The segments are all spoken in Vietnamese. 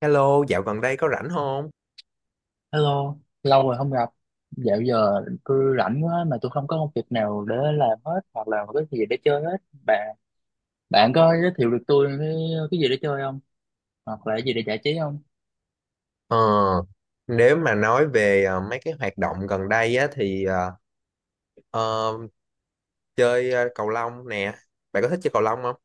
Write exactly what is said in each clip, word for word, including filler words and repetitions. Hello, dạo gần đây có rảnh không? Hello, lâu rồi không gặp. Dạo giờ tôi rảnh quá mà tôi không có công việc nào để làm hết hoặc là có cái gì để chơi hết. Bạn bạn có giới thiệu được tôi cái, cái gì để chơi không? Hoặc là cái gì để giải trí không? Ờ, Nếu mà nói về ờ, mấy cái hoạt động gần đây á thì ờ, ờ, chơi ờ, cầu lông nè. Bạn có thích chơi cầu lông không?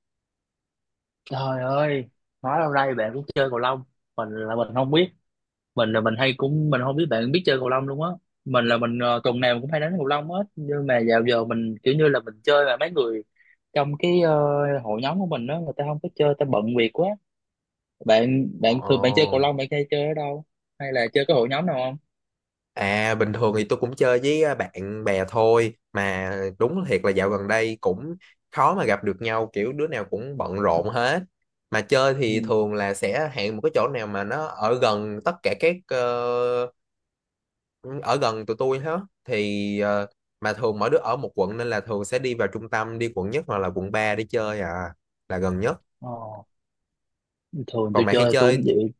Trời ơi, nói lâu nay bạn cũng chơi cầu lông. Mình là mình không biết. Mình là mình hay cũng mình không biết bạn biết chơi cầu lông luôn á. Mình là mình ờ, tuần nào cũng hay đánh cầu lông hết. Nhưng mà dạo giờ mình kiểu như là mình chơi mà mấy người trong cái ờ, hội nhóm của mình đó người ta không có chơi, ta bận việc quá. Bạn bạn thường bạn chơi Ồ. cầu lông, bạn hay chơi ở đâu, hay là chơi cái hội nhóm nào không? À, bình thường thì tôi cũng chơi với ờ, bạn bè thôi. Mà đúng thiệt là dạo gần đây cũng khó mà gặp được nhau, kiểu đứa nào cũng bận rộn hết. Mà chơi thì Ừ. thường là sẽ hẹn một cái chỗ nào mà nó ở gần tất cả các ờ, ừ, ở gần tụi tôi hết thì ờ, mà thường mỗi đứa ở một quận nên là thường sẽ đi vào trung tâm, đi quận nhất hoặc là quận ba để chơi à, là gần nhất. Ờ. Thường Còn tôi bạn hay chơi tôi chơi cũng vậy.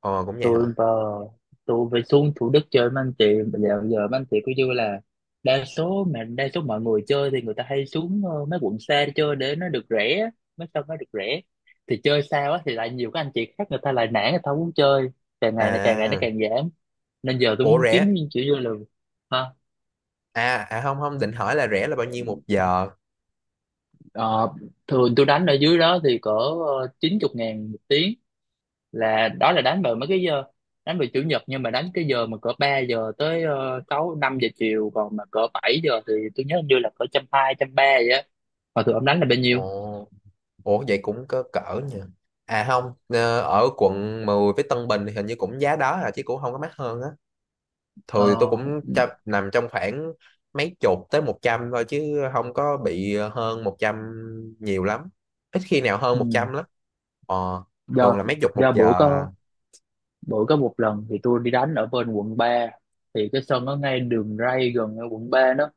ờ cũng vậy hả? Tôi vào, tôi phải xuống Thủ Đức chơi với anh chị. Bây giờ giờ mấy anh chị cứ như là đa số mà đa số mọi người chơi thì người ta hay xuống ờ, mấy quận xa để chơi để nó được rẻ, mấy sân nó được rẻ, thì chơi xa quá thì lại nhiều các anh chị khác người ta lại nản, người ta không muốn chơi. Càng ngày là càng ngày nó À, càng giảm, nên giờ tôi ủa muốn rẻ? kiếm những kiểu như là. Hả? À à, không không định hỏi là rẻ là bao nhiêu một giờ. Ờ, Thường tôi đánh ở dưới đó thì cỡ ờ, chín chục ngàn một tiếng, là đó là đánh vào mấy cái giờ, đánh vào chủ nhật, nhưng mà đánh cái giờ mà cỡ ba giờ tới ờ, sáu năm giờ chiều, còn mà cỡ bảy giờ thì tôi nhớ hình như là cỡ trăm hai trăm ba vậy á. Mà thường ông đánh là bao Ồ, nhiêu? ủa vậy cũng có cỡ nha. À không ờ, Ở quận mười với Tân Bình thì hình như cũng giá đó à, chứ cũng không có mắc hơn. Thường tôi Ờ, cũng cho- nằm trong khoảng mấy chục tới một trăm thôi, chứ không có bị hơn một trăm nhiều lắm. Ít khi nào hơn ừ, một trăm lắm. ờ, Thường do là mấy chục một do giờ bữa à. có bữa có một lần thì tôi đi đánh ở bên quận ba, thì cái sân nó ngay đường ray gần ở quận ba đó.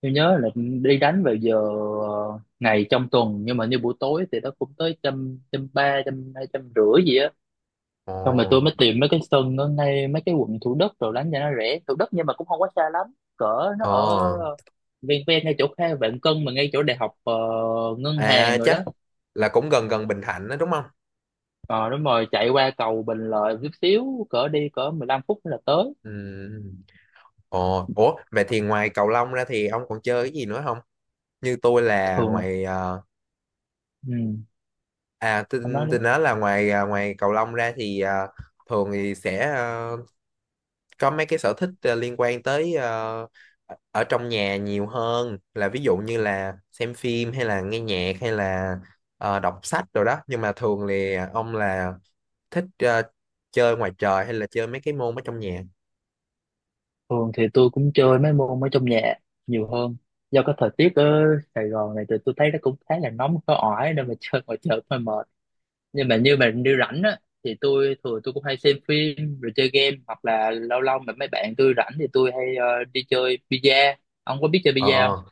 Tôi nhớ là đi đánh vào giờ ờ, ngày trong tuần nhưng mà như buổi tối thì nó cũng tới trăm trăm ba trăm hai trăm rưỡi gì á. ờ, Xong rồi tôi mới tìm mấy cái sân ở ngay mấy cái quận Thủ Đức rồi đánh cho nó rẻ, Thủ Đức nhưng mà cũng không quá xa lắm, cỡ nó ờ. ở ven ven ngay chỗ Kha Vạn Cân, mà ngay chỗ đại học ờ, ngân À hàng rồi đó. chắc là cũng gần gần Bình Thạnh đó đúng không? Ờ đúng rồi, chạy qua cầu Bình Lợi chút xíu, cỡ đi cỡ mười lăm phút là tới. Ừ. Ờ. Ủa vậy thì ngoài cầu lông ra thì ông còn chơi cái gì nữa không? Như tôi là Thường, ngoài ờ, ừ, à tôi, anh nói. tôi nói là ngoài à, ngoài cầu lông ra thì à, thường thì sẽ ờ, có mấy cái sở thích ờ, liên quan tới ờ, ở trong nhà nhiều hơn, là ví dụ như là xem phim hay là nghe nhạc hay là ờ, đọc sách rồi đó. Nhưng mà thường thì ông là thích ờ, chơi ngoài trời hay là chơi mấy cái môn ở trong nhà? Thường thì tôi cũng chơi mấy môn ở trong nhà nhiều hơn. Do cái thời tiết ở Sài Gòn này thì tôi thấy nó cũng khá là nóng có ỏi nên mà chơi ngoài trời hơi mệt. Nhưng mà như mà đi rảnh á thì tôi thường tôi cũng hay xem phim rồi chơi game, hoặc là lâu lâu mà mấy bạn tôi rảnh thì tôi hay ờ, đi chơi bida. Ông có biết chơi ờ bida không? ờ.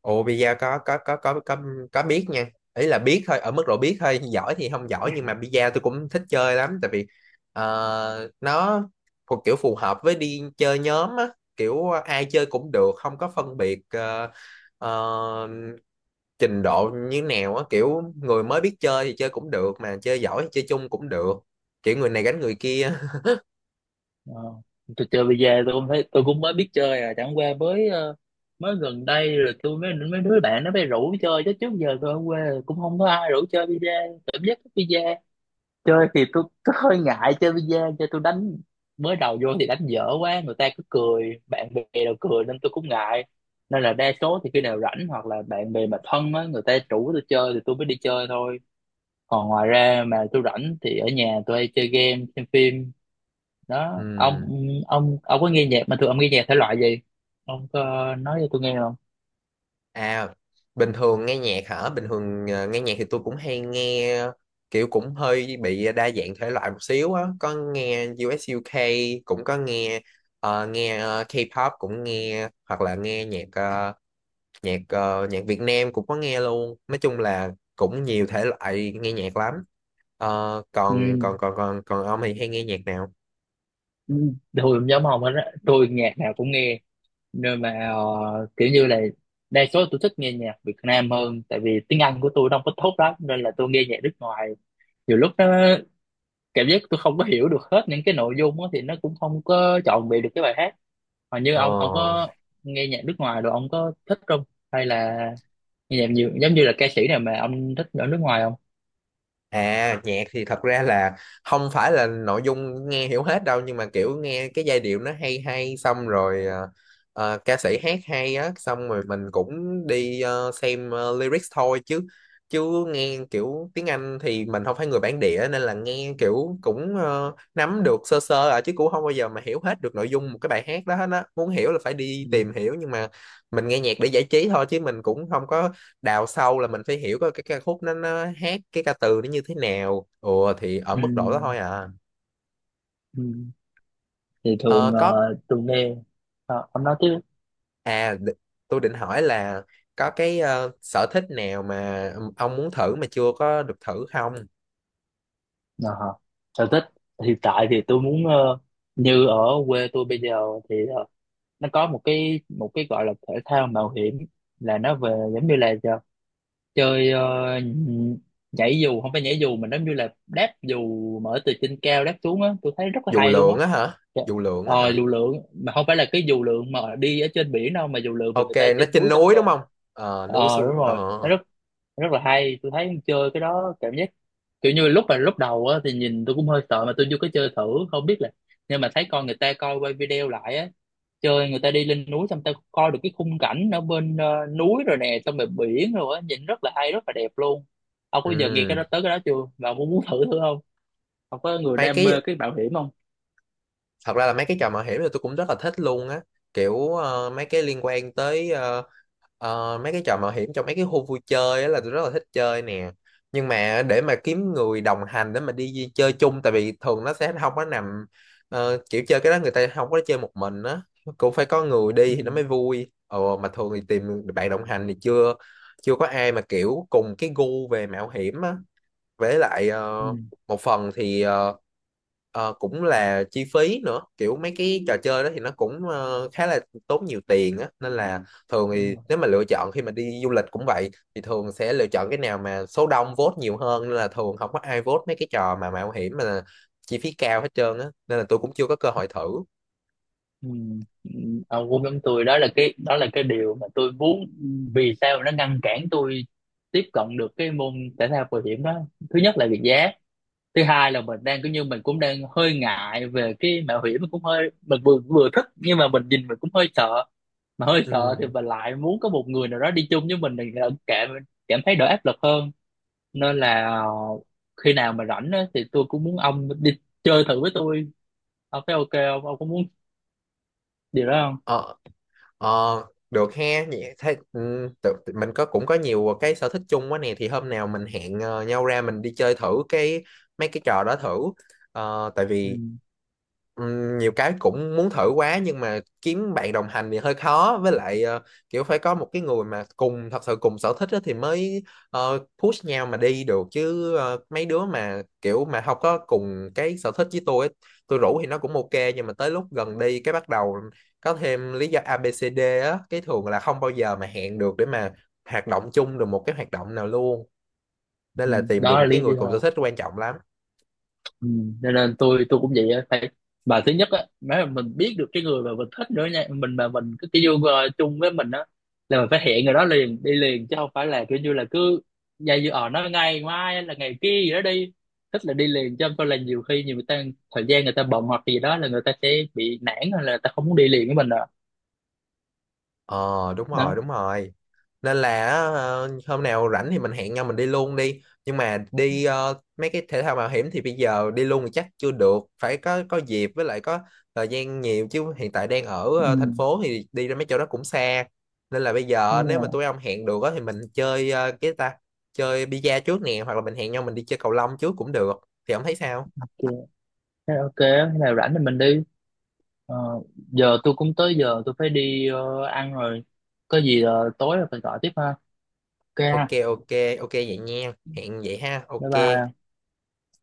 Ồ pizza, có có có có có có biết nha. Ý là biết thôi, ở mức độ biết thôi, giỏi thì không giỏi, nhưng mà pizza tôi cũng thích chơi lắm, tại vì ờ, nó thuộc kiểu phù hợp với đi chơi nhóm á, kiểu ờ, ai chơi cũng được, không có phân biệt ờ, ờ, trình độ như nào á, kiểu người mới biết chơi thì chơi cũng được, mà chơi giỏi thì chơi chung cũng được. Kiểu người này gánh người kia. Ờ, tôi chơi bây tôi cũng thấy tôi cũng mới biết chơi à, chẳng qua mới ờ, mới gần đây rồi tôi mới mấy đứa bạn nó mới rủ chơi, chứ trước giờ tôi ở quê cũng không có ai rủ chơi bida, cảm giác thích bida. Chơi thì tôi, tôi hơi ngại chơi bi-a, chơi tôi đánh mới đầu vô thì đánh dở quá, người ta cứ cười, bạn bè đều cười nên tôi cũng ngại. Nên là đa số thì khi nào rảnh hoặc là bạn bè mà thân á người ta rủ tôi chơi thì tôi mới đi chơi thôi, còn ngoài ra mà tôi rảnh thì ở nhà tôi hay chơi game xem phim đó ông. Ừ. Ông ông có nghe nhạc, mà thường ông nghe nhạc thể loại gì, ông có nói cho tôi nghe không? À, bình thường nghe nhạc hả? Bình thường ờ, nghe nhạc thì tôi cũng hay nghe kiểu cũng hơi bị đa dạng thể loại một xíu á. Có nghe u ét u UK, cũng có nghe ờ, nghe ờ, K-pop cũng nghe, hoặc là nghe nhạc ờ, nhạc ờ, nhạc Việt Nam cũng có nghe luôn. Nói chung là cũng nhiều thể loại nghe nhạc lắm. Ờ, Ừ, còn còn còn còn còn ông thì hay nghe nhạc nào? ừ. Tôi cũng giống ông hết á, tôi nhạc nào cũng nghe, nên mà ờ, kiểu như là đa số tôi thích nghe nhạc Việt Nam hơn, tại vì tiếng Anh của tôi không có tốt lắm, nên là tôi nghe nhạc nước ngoài nhiều lúc nó cảm giác tôi không có hiểu được hết những cái nội dung đó, thì nó cũng không có trọn vẹn được cái bài hát. Mà như Ờ. ông ông có nghe nhạc nước ngoài rồi ông có thích không, hay là nghe nhạc nhiều giống như là ca sĩ nào mà ông thích ở nước ngoài không? À nhạc thì thật ra là không phải là nội dung nghe hiểu hết đâu, nhưng mà kiểu nghe cái giai điệu nó hay hay, xong rồi ờ, ờ, ca sĩ hát hay á, xong rồi mình cũng đi ờ, xem ờ, lyrics thôi. Chứ Chứ nghe kiểu tiếng Anh thì mình không phải người bản địa, nên là nghe kiểu cũng ờ, nắm được sơ sơ à, chứ cũng không bao giờ mà hiểu hết được nội dung một cái bài hát đó hết á, muốn hiểu là phải đi Ừ. tìm hiểu. Nhưng mà mình nghe nhạc để giải trí thôi, chứ mình cũng không có đào sâu là mình phải hiểu cái cái ca khúc nó nó hát cái ca từ nó như thế nào, ủa, thì ở Ừ. mức độ đó thôi à. Ừ. Thì ờ, thường có. ờ, tôi nghe. Ờ, ông nói tiếp. à đ- tôi định hỏi là có cái ờ, sở thích nào mà ông muốn thử mà chưa có được thử không? Ờ hả. Sở thích hiện tại thì tôi muốn ờ, như ở quê tôi bây giờ thì ờ, nó có một cái một cái gọi là thể thao mạo hiểm, là nó về giống như là giờ chơi ờ, nhảy dù, không phải nhảy dù mà giống như là đáp dù, mở từ trên cao đáp xuống á, tôi thấy rất là Dù hay luôn á. lượn á hả? Trời, Dù lượn á ờ hả? dù lượn, mà không phải là cái dù lượn mà đi ở trên biển đâu, mà dù lượn mà Ok, người ta nó trên trên núi tâm núi tơ. đúng không? Ờ núi Ờ đúng xuống, ờ rồi, nó rất rất là hay, tôi thấy chơi cái đó cảm giác kiểu như lúc mà lúc đầu á thì nhìn tôi cũng hơi sợ, mà tôi vô cái chơi thử không biết là, nhưng mà thấy con người ta coi quay video lại á, chơi người ta đi lên núi xong ta coi được cái khung cảnh ở bên ờ, núi rồi nè, xong rồi biển rồi á, nhìn rất là hay rất là đẹp luôn. Ông có giờ nghe cái ừ. đó tới cái đó chưa, và ông có muốn thử thử không? Ông có người mấy đam mê cái cái bảo hiểm không? Thật ra là mấy cái trò mạo hiểm thì tôi cũng rất là thích luôn á, kiểu ờ, mấy cái liên quan tới ờ, ờ, mấy cái trò mạo hiểm trong mấy cái khu vui chơi á là tôi rất là thích chơi nè. Nhưng mà để mà kiếm người đồng hành để mà đi di- chơi chung, tại vì thường nó sẽ không có nằm ờ, kiểu chơi cái đó người ta không có chơi một mình á, cũng phải có người Ừ, đi thì nó mới vui. Ồ mà thường thì tìm bạn đồng hành thì chưa chưa có ai mà kiểu cùng cái gu về mạo hiểm á. Với lại ờ, ừ, một phần thì ờ, ờ, cũng là chi phí nữa, kiểu mấy cái trò chơi đó thì nó cũng ờ, khá là tốn nhiều tiền á, nên là thường đúng thì rồi. nếu mà lựa chọn khi mà đi du lịch cũng vậy, thì thường sẽ lựa chọn cái nào mà số đông vote nhiều hơn, nên là thường không có ai vote mấy cái trò mà mạo hiểm mà chi phí cao hết trơn á, nên là tôi cũng chưa có cơ hội thử. Ừ. Ừ. Ông cũng giống tôi đó, là cái đó là cái điều mà tôi muốn. Vì sao nó ngăn cản tôi tiếp cận được cái môn thể thao bảo hiểm đó? Thứ nhất là về giá, thứ hai là mình đang cũng như mình cũng đang hơi ngại về cái mạo hiểm, mình cũng hơi mình vừa vừa thích nhưng mà mình nhìn mình cũng hơi sợ, mà hơi sợ thì Ừ. mình lại muốn có một người nào đó đi chung với mình thì lại cảm cảm thấy đỡ áp lực hơn, nên là ờ, khi nào mà rảnh á, thì tôi cũng muốn ông đi chơi thử với tôi. Ông thấy ok không, ông có muốn điều đó không? Ờ, Ờ, được he, vậy thế ừ, tự, tự- mình có cũng có nhiều cái sở thích chung quá nè, thì hôm nào mình hẹn ờ, nhau ra mình đi chơi thử cái mấy cái trò đó thử. Ờ, tại Ừ. vì ừm, nhiều cái cũng muốn thử quá, nhưng mà kiếm bạn đồng hành thì hơi khó. Với lại ờ, kiểu phải có một cái người mà cùng thật sự cùng sở thích á thì mới ờ, push nhau mà đi được. Chứ ờ, mấy đứa mà kiểu mà không có cùng cái sở thích với tôi ấy, tôi rủ thì nó cũng ok, nhưng mà tới lúc gần đi cái bắt đầu có thêm lý do a ABCD á, cái thường là không bao giờ mà hẹn được để mà hoạt động chung được một cái hoạt động nào luôn. Nên Ừ. là tìm Đó được là một cái lý người cùng sở do. thích quan trọng lắm. Ừ, cho nên tôi tôi cũng vậy á, phải mà thứ nhất á nếu mà mình biết được cái người mà mình thích nữa nha, mình mà mình cái cái yêu ờ, chung với mình á, là mình phải hẹn người đó liền đi liền, chứ không phải là kiểu như là cứ dây dưa ở nó ngày mai hay là ngày kia gì đó đi, thích là đi liền, chứ không phải là nhiều khi nhiều người ta thời gian người ta bận hoặc gì đó là người ta sẽ bị nản hay là người ta không muốn đi liền với mình rồi. Ờ đúng rồi, Đó, đúng rồi. Nên là ờ, hôm nào rảnh thì mình hẹn nhau mình đi luôn đi. Nhưng mà đi ờ, mấy cái thể thao mạo hiểm thì bây giờ đi luôn thì chắc chưa được, phải có có dịp với lại có thời gian nhiều, chứ hiện tại đang ở ừ, ờ, thành phố thì đi ra mấy chỗ đó cũng xa. Nên là bây thế giờ là nếu mà tụi ông hẹn được á, thì mình chơi ờ, cái ta chơi bida trước nè, hoặc là mình hẹn nhau mình đi chơi cầu lông trước cũng được. Thì ông thấy sao? ok thế là ok, thế là rảnh thì mình đi. Ờ, giờ tôi cũng tới giờ tôi phải đi ờ, ăn rồi, có gì ờ, tối rồi mình gọi tiếp ha. Ok Ok, ha. ok. Ok vậy nha, hẹn vậy ha, Bye ok. bye.